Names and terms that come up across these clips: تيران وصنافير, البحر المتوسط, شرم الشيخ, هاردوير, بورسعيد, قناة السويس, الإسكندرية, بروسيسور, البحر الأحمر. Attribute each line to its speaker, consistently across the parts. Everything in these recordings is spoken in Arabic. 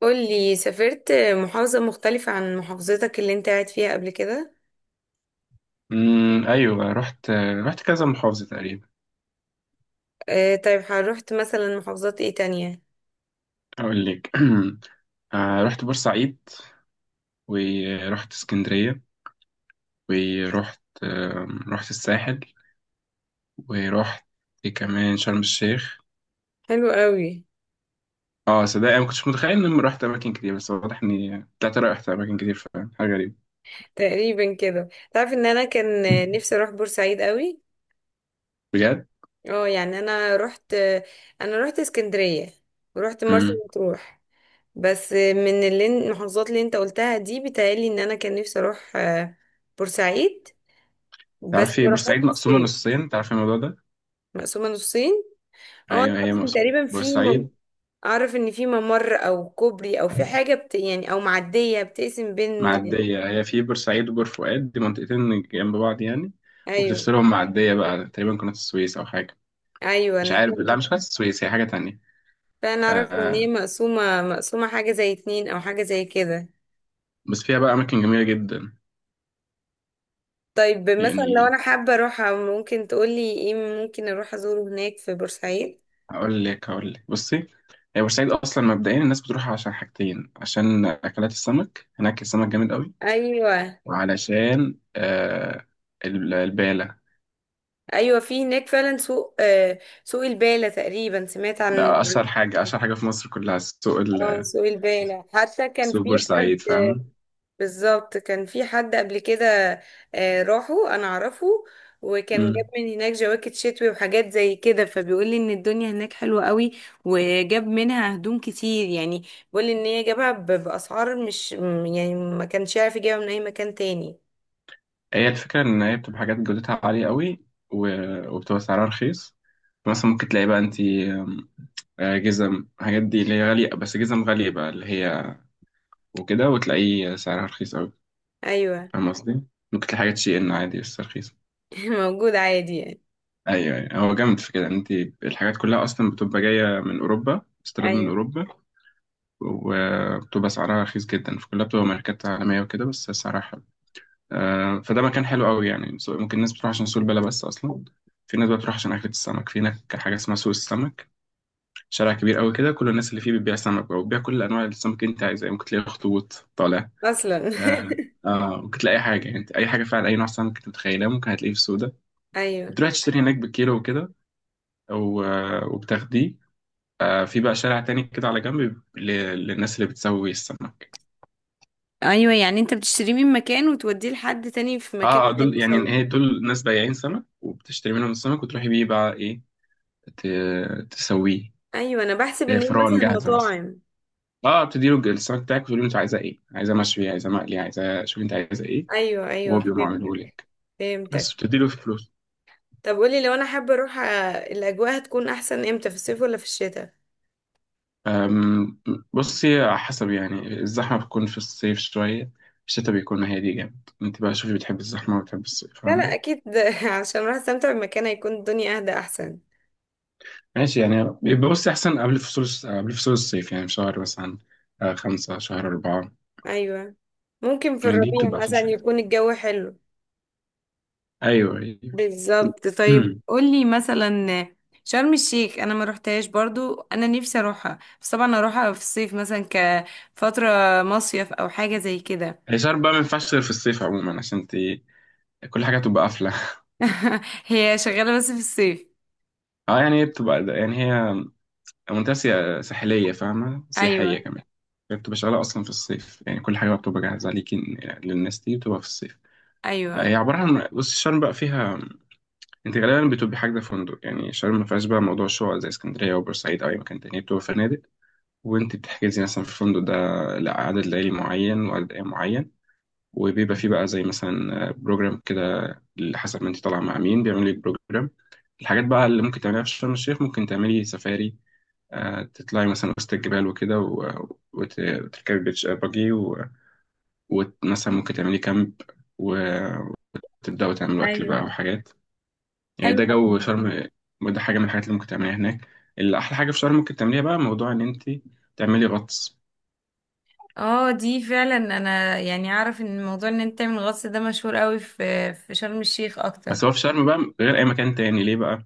Speaker 1: قولي، سافرت محافظة مختلفة عن محافظتك اللي انت قاعد فيها قبل كده؟
Speaker 2: ايوه رحت كذا محافظه تقريبا.
Speaker 1: آه طيب، روحت مثلا محافظات ايه تانية؟
Speaker 2: اقول لك. رحت بورسعيد، ورحت اسكندريه، ورحت رحت الساحل، ورحت إيه كمان شرم الشيخ.
Speaker 1: حلو قوي.
Speaker 2: اه صدق انا ما كنتش متخيل اني رحت اماكن كتير، بس واضح اني طلعت رحت اماكن كتير فعلا، حاجه غريبه
Speaker 1: تقريبا كده. تعرف ان انا كان نفسي اروح بورسعيد قوي.
Speaker 2: بجد.
Speaker 1: اه يعني، انا رحت اسكندرية ورحت مرسى
Speaker 2: امم
Speaker 1: مطروح. بس من اللي المحافظات اللي انت قلتها دي، بيتهيألي ان انا كان نفسي اروح بورسعيد. بس
Speaker 2: تعرفي
Speaker 1: ما
Speaker 2: بورسعيد
Speaker 1: رحتش
Speaker 2: مقسومه
Speaker 1: الصين.
Speaker 2: نصين، تعرفي الموضوع ده؟
Speaker 1: مقسومة نصين؟ اه انا
Speaker 2: ايوه هي
Speaker 1: أعرف إن
Speaker 2: مقسومه
Speaker 1: تقريبا في،
Speaker 2: بورسعيد.
Speaker 1: اعرف ان في ممر او كوبري او في حاجه بت... يعني او معديه بتقسم بين.
Speaker 2: معدية، هي في بورسعيد وبور فؤاد، دي منطقتين جنب بعض يعني،
Speaker 1: ايوه،
Speaker 2: وبتفصلهم معدية بقى تقريبا قناة السويس أو حاجة،
Speaker 1: ايوه
Speaker 2: مش
Speaker 1: انا
Speaker 2: عارف، لا
Speaker 1: فعلا.
Speaker 2: مش قناة السويس هي حاجة تانية.
Speaker 1: اعرف ان هي
Speaker 2: آه،
Speaker 1: مقسومه حاجه زي اتنين او حاجه زي كده.
Speaker 2: بس فيها بقى أماكن جميلة جدا.
Speaker 1: طيب مثلا لو
Speaker 2: يعني
Speaker 1: انا حابه اروح، ممكن تقولي ايه ممكن اروح ازوره هناك في بورسعيد؟
Speaker 2: هقول لك هقول لك بصي، هي بورسعيد أصلا مبدئيا الناس بتروحها عشان حاجتين، عشان أكلات السمك هناك، السمك جامد قوي،
Speaker 1: ايوه.
Speaker 2: وعلشان آه البالة.
Speaker 1: ايوه في هناك فعلا سوق، آه سوق البالة، تقريبا سمعت عن.
Speaker 2: ده أشهر حاجة أشهر حاجة في مصر كلها، سوق
Speaker 1: اه سوق البالة، حتى كان
Speaker 2: سوق
Speaker 1: في حد.
Speaker 2: بورسعيد، فاهمة؟
Speaker 1: بالظبط، كان في حد قبل كده راحوا، انا اعرفه. وكان جاب من هناك جواكت شتوي وحاجات زي كده، فبيقول لي ان الدنيا هناك حلوة قوي. وجاب منها هدوم كتير يعني. بيقول لي ان هي باسعار مش م- يعني ما كانش يعرف يجيبها من اي مكان تاني.
Speaker 2: هي الفكرة إن هي بتبقى حاجات جودتها عالية قوي، و- وبتبقى سعرها رخيص. مثلا ممكن تلاقي بقى أنتي جزم، الحاجات دي اللي هي غالية، بس جزم غالية بقى اللي هي وكده، وتلاقيه سعرها رخيص قوي،
Speaker 1: ايوه.
Speaker 2: فاهم قصدي؟ ممكن تلاقي حاجات شي إن عادي بس رخيصة.
Speaker 1: موجود عادي يعني.
Speaker 2: أيوه، أيوه، هو جامد في كده، إن أنتي الحاجات كلها أصلا بتبقى جاية من أوروبا، استيراد من
Speaker 1: ايوه.
Speaker 2: أوروبا، وبتبقى سعرها رخيص جدا، فكلها بتبقى ماركات عالمية وكده بس سعرها حلو. فده مكان حلو قوي، يعني ممكن الناس بتروح عشان سوق البلا، بس اصلا في ناس بقى بتروح عشان اكلة السمك. في هناك حاجة اسمها سوق السمك، شارع كبير قوي كده، كل الناس اللي فيه بتبيع سمك بقى، وبتبيع كل انواع السمك اللي انت عايزها، يعني ممكن تلاقي اخطبوط طالع.
Speaker 1: اصلا.
Speaker 2: آه، آه ممكن تلاقي اي حاجة، يعني انت اي حاجة فعلا، اي نوع سمك انت متخيلها ممكن هتلاقيه في السوق ده.
Speaker 1: ايوه
Speaker 2: بتروح تشتري هناك بالكيلو وكده، وبتاخديه. آه في بقى شارع تاني كده على جنب للناس اللي بتسوي السمك.
Speaker 1: ايوه، يعني انت بتشتريه من مكان وتوديه لحد تاني في
Speaker 2: اه،
Speaker 1: مكان تاني
Speaker 2: دول يعني
Speaker 1: يسويه؟
Speaker 2: هي دول ناس بياعين سمك، وبتشتري منهم السمك وتروحي بيه بقى ايه، تسويه.
Speaker 1: ايوه انا بحسب
Speaker 2: هي
Speaker 1: ان هي
Speaker 2: فرن
Speaker 1: مثلا
Speaker 2: جاهزه بس،
Speaker 1: مطاعم.
Speaker 2: اه بتدي له السمك بتاعك وتقول له انت عايزه ايه، عايزه مشوي، عايزه مقلي، عايزه، شوف انت عايزه ايه،
Speaker 1: ايوه
Speaker 2: وهو
Speaker 1: ايوه
Speaker 2: بيقوم عامله
Speaker 1: فهمتك،
Speaker 2: لك، بس
Speaker 1: فهمتك.
Speaker 2: بتدي له فلوس.
Speaker 1: طب قولي، لو انا حابه اروح الاجواء هتكون احسن امتى، في الصيف ولا في الشتاء؟
Speaker 2: أم، بصي على حسب، يعني الزحمه بتكون في الصيف شويه، الشتا بيكون هادي جامد، انت بقى شوفي بتحب الزحمه ولا بتحب الصيف،
Speaker 1: لا لا
Speaker 2: فاهم؟
Speaker 1: اكيد. عشان اروح استمتع بمكان، هيكون الدنيا اهدى احسن.
Speaker 2: ماشي، يعني بيبقى بصي احسن قبل فصول، قبل فصول الصيف، يعني في شهر مثلا، 5، شهر 4.
Speaker 1: ايوه، ممكن في
Speaker 2: يعني دي
Speaker 1: الربيع
Speaker 2: بتبقى أحسن
Speaker 1: مثلا
Speaker 2: شوية،
Speaker 1: يكون الجو حلو.
Speaker 2: أيوه، أيوه.
Speaker 1: بالظبط. طيب قولي مثلا، شرم الشيخ انا ما روحتهاش برضو. انا نفسي اروحها، بس طبعا اروحها في الصيف مثلا كفتره مصيف او حاجه زي كده.
Speaker 2: هي بقى ما ينفعش غير في الصيف عموما، عشان انت كل حاجة تبقى قافلة.
Speaker 1: هي شغاله بس في الصيف؟
Speaker 2: اه، يعني هي بتبقى يعني هي منطقة ساحلية، فاهمة؟ سياحية
Speaker 1: ايوه
Speaker 2: كمان. هي بتبقى شغالة أصلا في الصيف، يعني كل حاجة بتبقى جاهزة ليكي، للناس دي بتبقى في الصيف. آه،
Speaker 1: ايوه
Speaker 2: هي عبارة عن بص، شرم بقى فيها، انت غالبا بتبقي حاجة فندق، يعني شرم ما فيهاش بقى موضوع شقق زي اسكندرية وبورسعيد أو أي مكان تاني، بتبقى فنادق. وانت بتحجزي مثلا في الفندق ده لعدد ليالي معين وعدد أيام معين، وبيبقى فيه بقى زي مثلا بروجرام كده، اللي حسب ما انت طالعه مع مين بيعمل لك بروجرام. الحاجات بقى اللي ممكن تعمليها في شرم الشيخ، ممكن تعملي سفاري، تطلعي مثلا وسط الجبال وكده، وتركبي بيتش باجي، ومثلا ممكن تعملي كامب، وتبدأوا تعملوا أكل بقى
Speaker 1: ايوه،
Speaker 2: وحاجات، يعني
Speaker 1: حلو
Speaker 2: ده
Speaker 1: أوي.
Speaker 2: جو شرم. وده حاجة من الحاجات اللي ممكن تعمليها هناك. اللي أحلى حاجة في شرم ممكن تعمليها بقى، موضوع إن أنت تعملي غطس.
Speaker 1: اه دي فعلا، انا يعني اعرف ان موضوع ان انت تعمل غطس ده مشهور قوي في شرم الشيخ اكتر.
Speaker 2: بس هو في شرم بقى غير أي مكان تاني، ليه بقى؟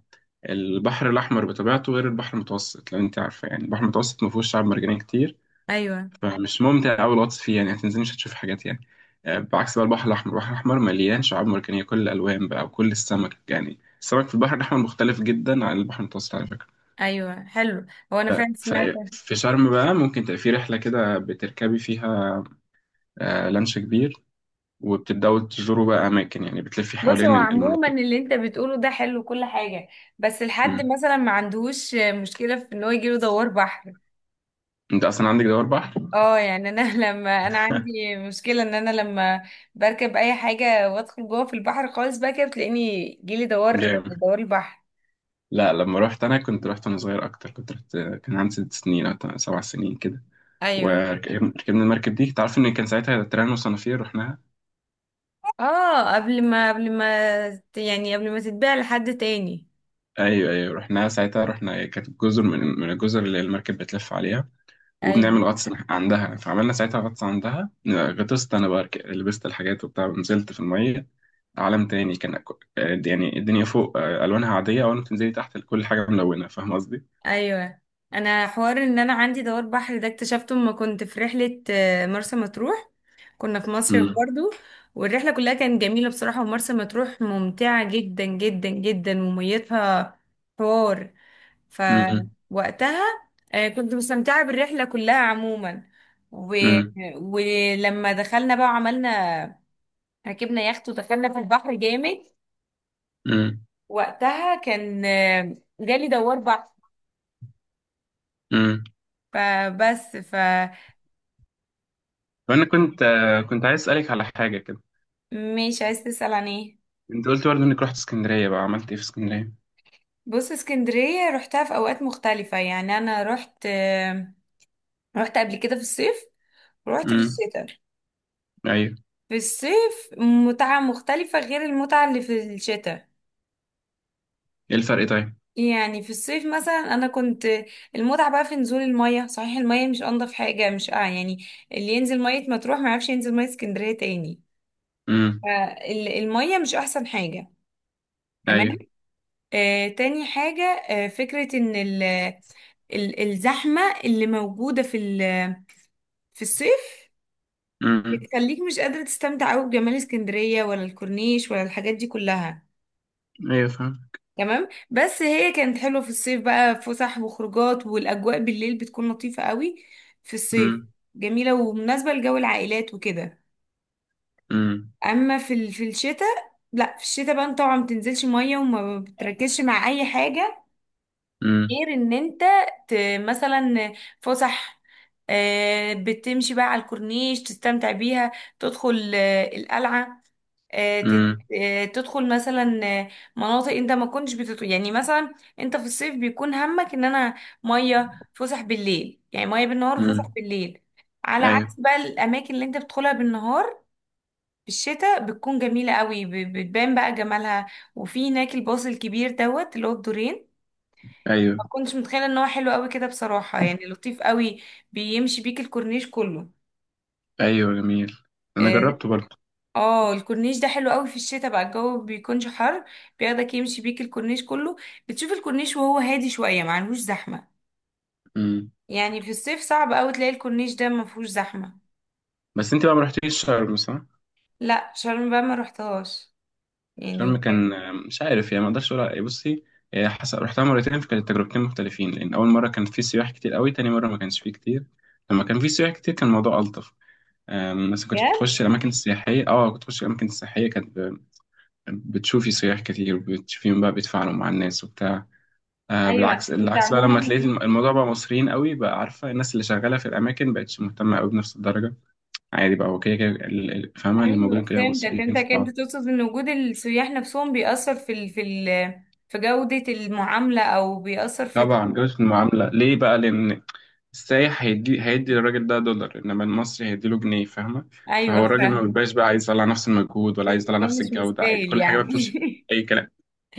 Speaker 2: البحر الأحمر بطبيعته غير البحر المتوسط، لو أنت عارفة، يعني البحر المتوسط ما فيهوش شعاب مرجانية كتير،
Speaker 1: ايوه
Speaker 2: فمش ممتع أوي الغطس فيه، يعني هتنزلي مش هتشوفي حاجات يعني. آه، بعكس بقى البحر الأحمر، البحر الأحمر مليان شعاب مرجانية كل الألوان بقى، وكل السمك، يعني السمك في البحر الأحمر مختلف جدا عن البحر المتوسط، على فكرة.
Speaker 1: ايوه حلو. هو انا فعلا
Speaker 2: ف-
Speaker 1: سمعت.
Speaker 2: في شرم بقى ممكن تبقى في رحلة كده بتركبي فيها، لانش كبير، وبتبدأوا تزوروا بقى أماكن، يعني بتلفي
Speaker 1: بص، هو
Speaker 2: حوالين
Speaker 1: عموما
Speaker 2: المناطق.
Speaker 1: اللي انت بتقوله ده حلو كل حاجه، بس الحد
Speaker 2: مم.
Speaker 1: مثلا ما عندهوش مشكله في ان هو يجيله دوار بحر.
Speaker 2: أنت أصلا عندك دوار بحر؟
Speaker 1: اه يعني انا، لما انا عندي مشكله ان انا لما بركب اي حاجه وادخل جوه في البحر خالص بقى كده، بتلاقيني جيلي دوار،
Speaker 2: جامد.
Speaker 1: دوار البحر.
Speaker 2: لا، لما رحت انا كنت رحت وانا صغير اكتر، كنت رحت كان عندي 6 سنين او 7 سنين كده،
Speaker 1: ايوه.
Speaker 2: وركبنا المركب دي، تعرف ان كان ساعتها تيران وصنافير رحناها.
Speaker 1: اه قبل ما تتباع لحد تاني.
Speaker 2: ايوه، ايوه رحناها ساعتها، رحنا كانت جزر، من الجزر اللي المركب بتلف عليها،
Speaker 1: ايوه
Speaker 2: وبنعمل غطس عندها، فعملنا ساعتها غطس عندها، غطست انا بقى، لبست الحاجات وبتاع، ونزلت في الميه. عالم تاني كان يعني الدنيا فوق آه، الوانها عاديه، اول ما تنزلي تحت كل حاجه ملونه، فاهم قصدي؟
Speaker 1: ايوه. انا حوار ان انا عندي دوار بحر ده، اكتشفته لما كنت في رحله مرسى مطروح. كنا في مصيف برضو، والرحله كلها كانت جميله بصراحه. ومرسى مطروح ممتعه جدا جدا جدا وميتها حوار.
Speaker 2: امم
Speaker 1: فوقتها كنت مستمتعه بالرحله كلها عموما. و...
Speaker 2: امم
Speaker 1: ولما دخلنا بقى وعملنا، ركبنا يخت ودخلنا في البحر جامد. وقتها كان جالي دوار بحر.
Speaker 2: امم
Speaker 1: فبس.
Speaker 2: فانا كنت كنت عايز اسالك على حاجه كده.
Speaker 1: عايز تسأل عن ايه؟
Speaker 2: انت قلت برضه انك رحت اسكندريه، بقى عملت ايه في اسكندريه؟
Speaker 1: بص، اسكندرية رحتها في اوقات مختلفة. يعني انا رحت رحت قبل كده في الصيف، ورحت في
Speaker 2: امم
Speaker 1: الشتاء.
Speaker 2: ايوه،
Speaker 1: في الصيف متعة مختلفة غير المتعة اللي في الشتاء.
Speaker 2: ايه الفرق طيب؟
Speaker 1: يعني في الصيف مثلا انا كنت، المتعة بقى في نزول المية. صحيح المية مش انضف حاجة، مش اه يعني اللي ينزل مية مطروح ما يعرفش ينزل مية اسكندرية تاني.
Speaker 2: امم
Speaker 1: فالمية مش احسن حاجة، تمام.
Speaker 2: ايوه.
Speaker 1: تاني حاجة فكرة ان ال الزحمة اللي موجودة في في الصيف،
Speaker 2: امم
Speaker 1: بتخليك مش قادرة تستمتع قوي بجمال اسكندرية ولا الكورنيش ولا الحاجات دي كلها.
Speaker 2: ايوه، فاهم.
Speaker 1: تمام. بس هي كانت حلوة في الصيف بقى، فسح وخروجات، والأجواء بالليل بتكون لطيفة قوي في الصيف،
Speaker 2: امم
Speaker 1: جميلة ومناسبة لجو العائلات وكده.
Speaker 2: امم
Speaker 1: أما في في الشتاء، لا في الشتاء بقى انت طبعا ما بتنزلش مية وما بتركزش مع أي حاجة،
Speaker 2: امم
Speaker 1: غير ان ت... مثلا فسح، بتمشي بقى على الكورنيش تستمتع بيها، تدخل القلعة، آه، تت-
Speaker 2: امم
Speaker 1: تدخل مثلا مناطق انت ما كنتش بتدخل. يعني مثلا انت في الصيف بيكون همك ان انا، مية فسح بالليل، يعني مية بالنهار وفسح
Speaker 2: أمم.
Speaker 1: بالليل. على
Speaker 2: ايوه،
Speaker 1: عكس بقى الاماكن اللي انت بتدخلها بالنهار في الشتاء بتكون جميلة قوي، بتبان بقى جمالها. وفي هناك الباص الكبير دوت اللي هو بدورين، ما
Speaker 2: ايوه.
Speaker 1: كنتش متخيله ان هو حلو قوي كده بصراحه، يعني لطيف قوي. بيمشي بيك الكورنيش كله.
Speaker 2: ايوه جميل، انا
Speaker 1: اه
Speaker 2: جربته برضه.
Speaker 1: الكورنيش ده حلو قوي في الشتاء بقى، الجو بيكونش حر. بياخدك يمشي بيك الكورنيش كله، بتشوف الكورنيش وهو هادي شويه ما عندهوش زحمه.
Speaker 2: امم.
Speaker 1: يعني في الصيف صعب قوي تلاقي الكورنيش ده ما فيهوش زحمه.
Speaker 2: بس انت بقى ما رحتيش شرم، صح؟
Speaker 1: لا، شرم بقى ما رحتهاش يعني،
Speaker 2: شرم كان
Speaker 1: بجد.
Speaker 2: آه، مش عارف يعني ما اقدرش اقول بصي، آه، رحتها مرتين، فكانت تجربتين مختلفين، لان اول مره كان في سياح كتير قوي، تاني مره ما كانش فيه كتير. لما كان في سياح كتير كان الموضوع الطف. آم، بس كنت
Speaker 1: بجد؟
Speaker 2: بتخش الأماكن السياحية، اه كنت بتخش الأماكن السياحية، بتشوفي سياح كتير، وبتشوفيهم بقى بيتفاعلوا مع الناس وبتاع. آه
Speaker 1: ايوه
Speaker 2: بالعكس،
Speaker 1: انت
Speaker 2: العكس بقى لما
Speaker 1: عموما،
Speaker 2: تلاقي الموضوع بقى مصريين قوي بقى، عارفة الناس اللي شغالة في الأماكن بقتش مهتمة قوي بنفس الدرجة. عادي بقى هو كده كده، فاهمة؟ اللي
Speaker 1: ايوه
Speaker 2: موجودين كده
Speaker 1: فهمتك
Speaker 2: مصريين في
Speaker 1: فهمتك. انت
Speaker 2: بعض.
Speaker 1: تقصد ان وجود السياح نفسهم بيأثر في في جودة المعاملة، او بيأثر في.
Speaker 2: طبعا جودة المعاملة ليه بقى؟ لأن السايح هيدي للراجل ده دولار، انما المصري هيديله جنيه، فاهمه؟
Speaker 1: ايوه
Speaker 2: فهو الراجل ما
Speaker 1: فاهم.
Speaker 2: بيبقاش بقى عايز يطلع نفس المجهود، ولا عايز يطلع
Speaker 1: الموضوع
Speaker 2: نفس
Speaker 1: مش
Speaker 2: الجوده، عادي
Speaker 1: مستاهل
Speaker 2: كل حاجه بقى
Speaker 1: يعني.
Speaker 2: بتمشي في اي كلام،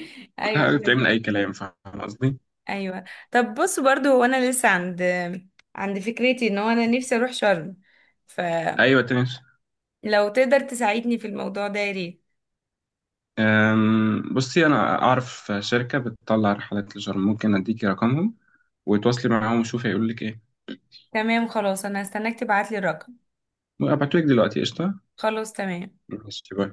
Speaker 2: كل
Speaker 1: ايوه
Speaker 2: حاجة بتعمل
Speaker 1: فاهم.
Speaker 2: أي كلام، فاهم قصدي؟
Speaker 1: ايوه طب بص، برضو هو انا لسه عند فكرتي ان هو انا نفسي اروح شرم، فلو
Speaker 2: أيوة تمشي.
Speaker 1: تقدر تساعدني في الموضوع ده يا ريت.
Speaker 2: أم، بصي، أنا أعرف شركة بتطلع رحلات لشرم، ممكن أديكي رقمهم وتواصلي معاهم وشوفي هيقولوا لك إيه.
Speaker 1: تمام خلاص، انا هستناك تبعتلي الرقم.
Speaker 2: وأبعتولك دلوقتي، قشطة؟
Speaker 1: خلاص تمام.
Speaker 2: ماشي، باي.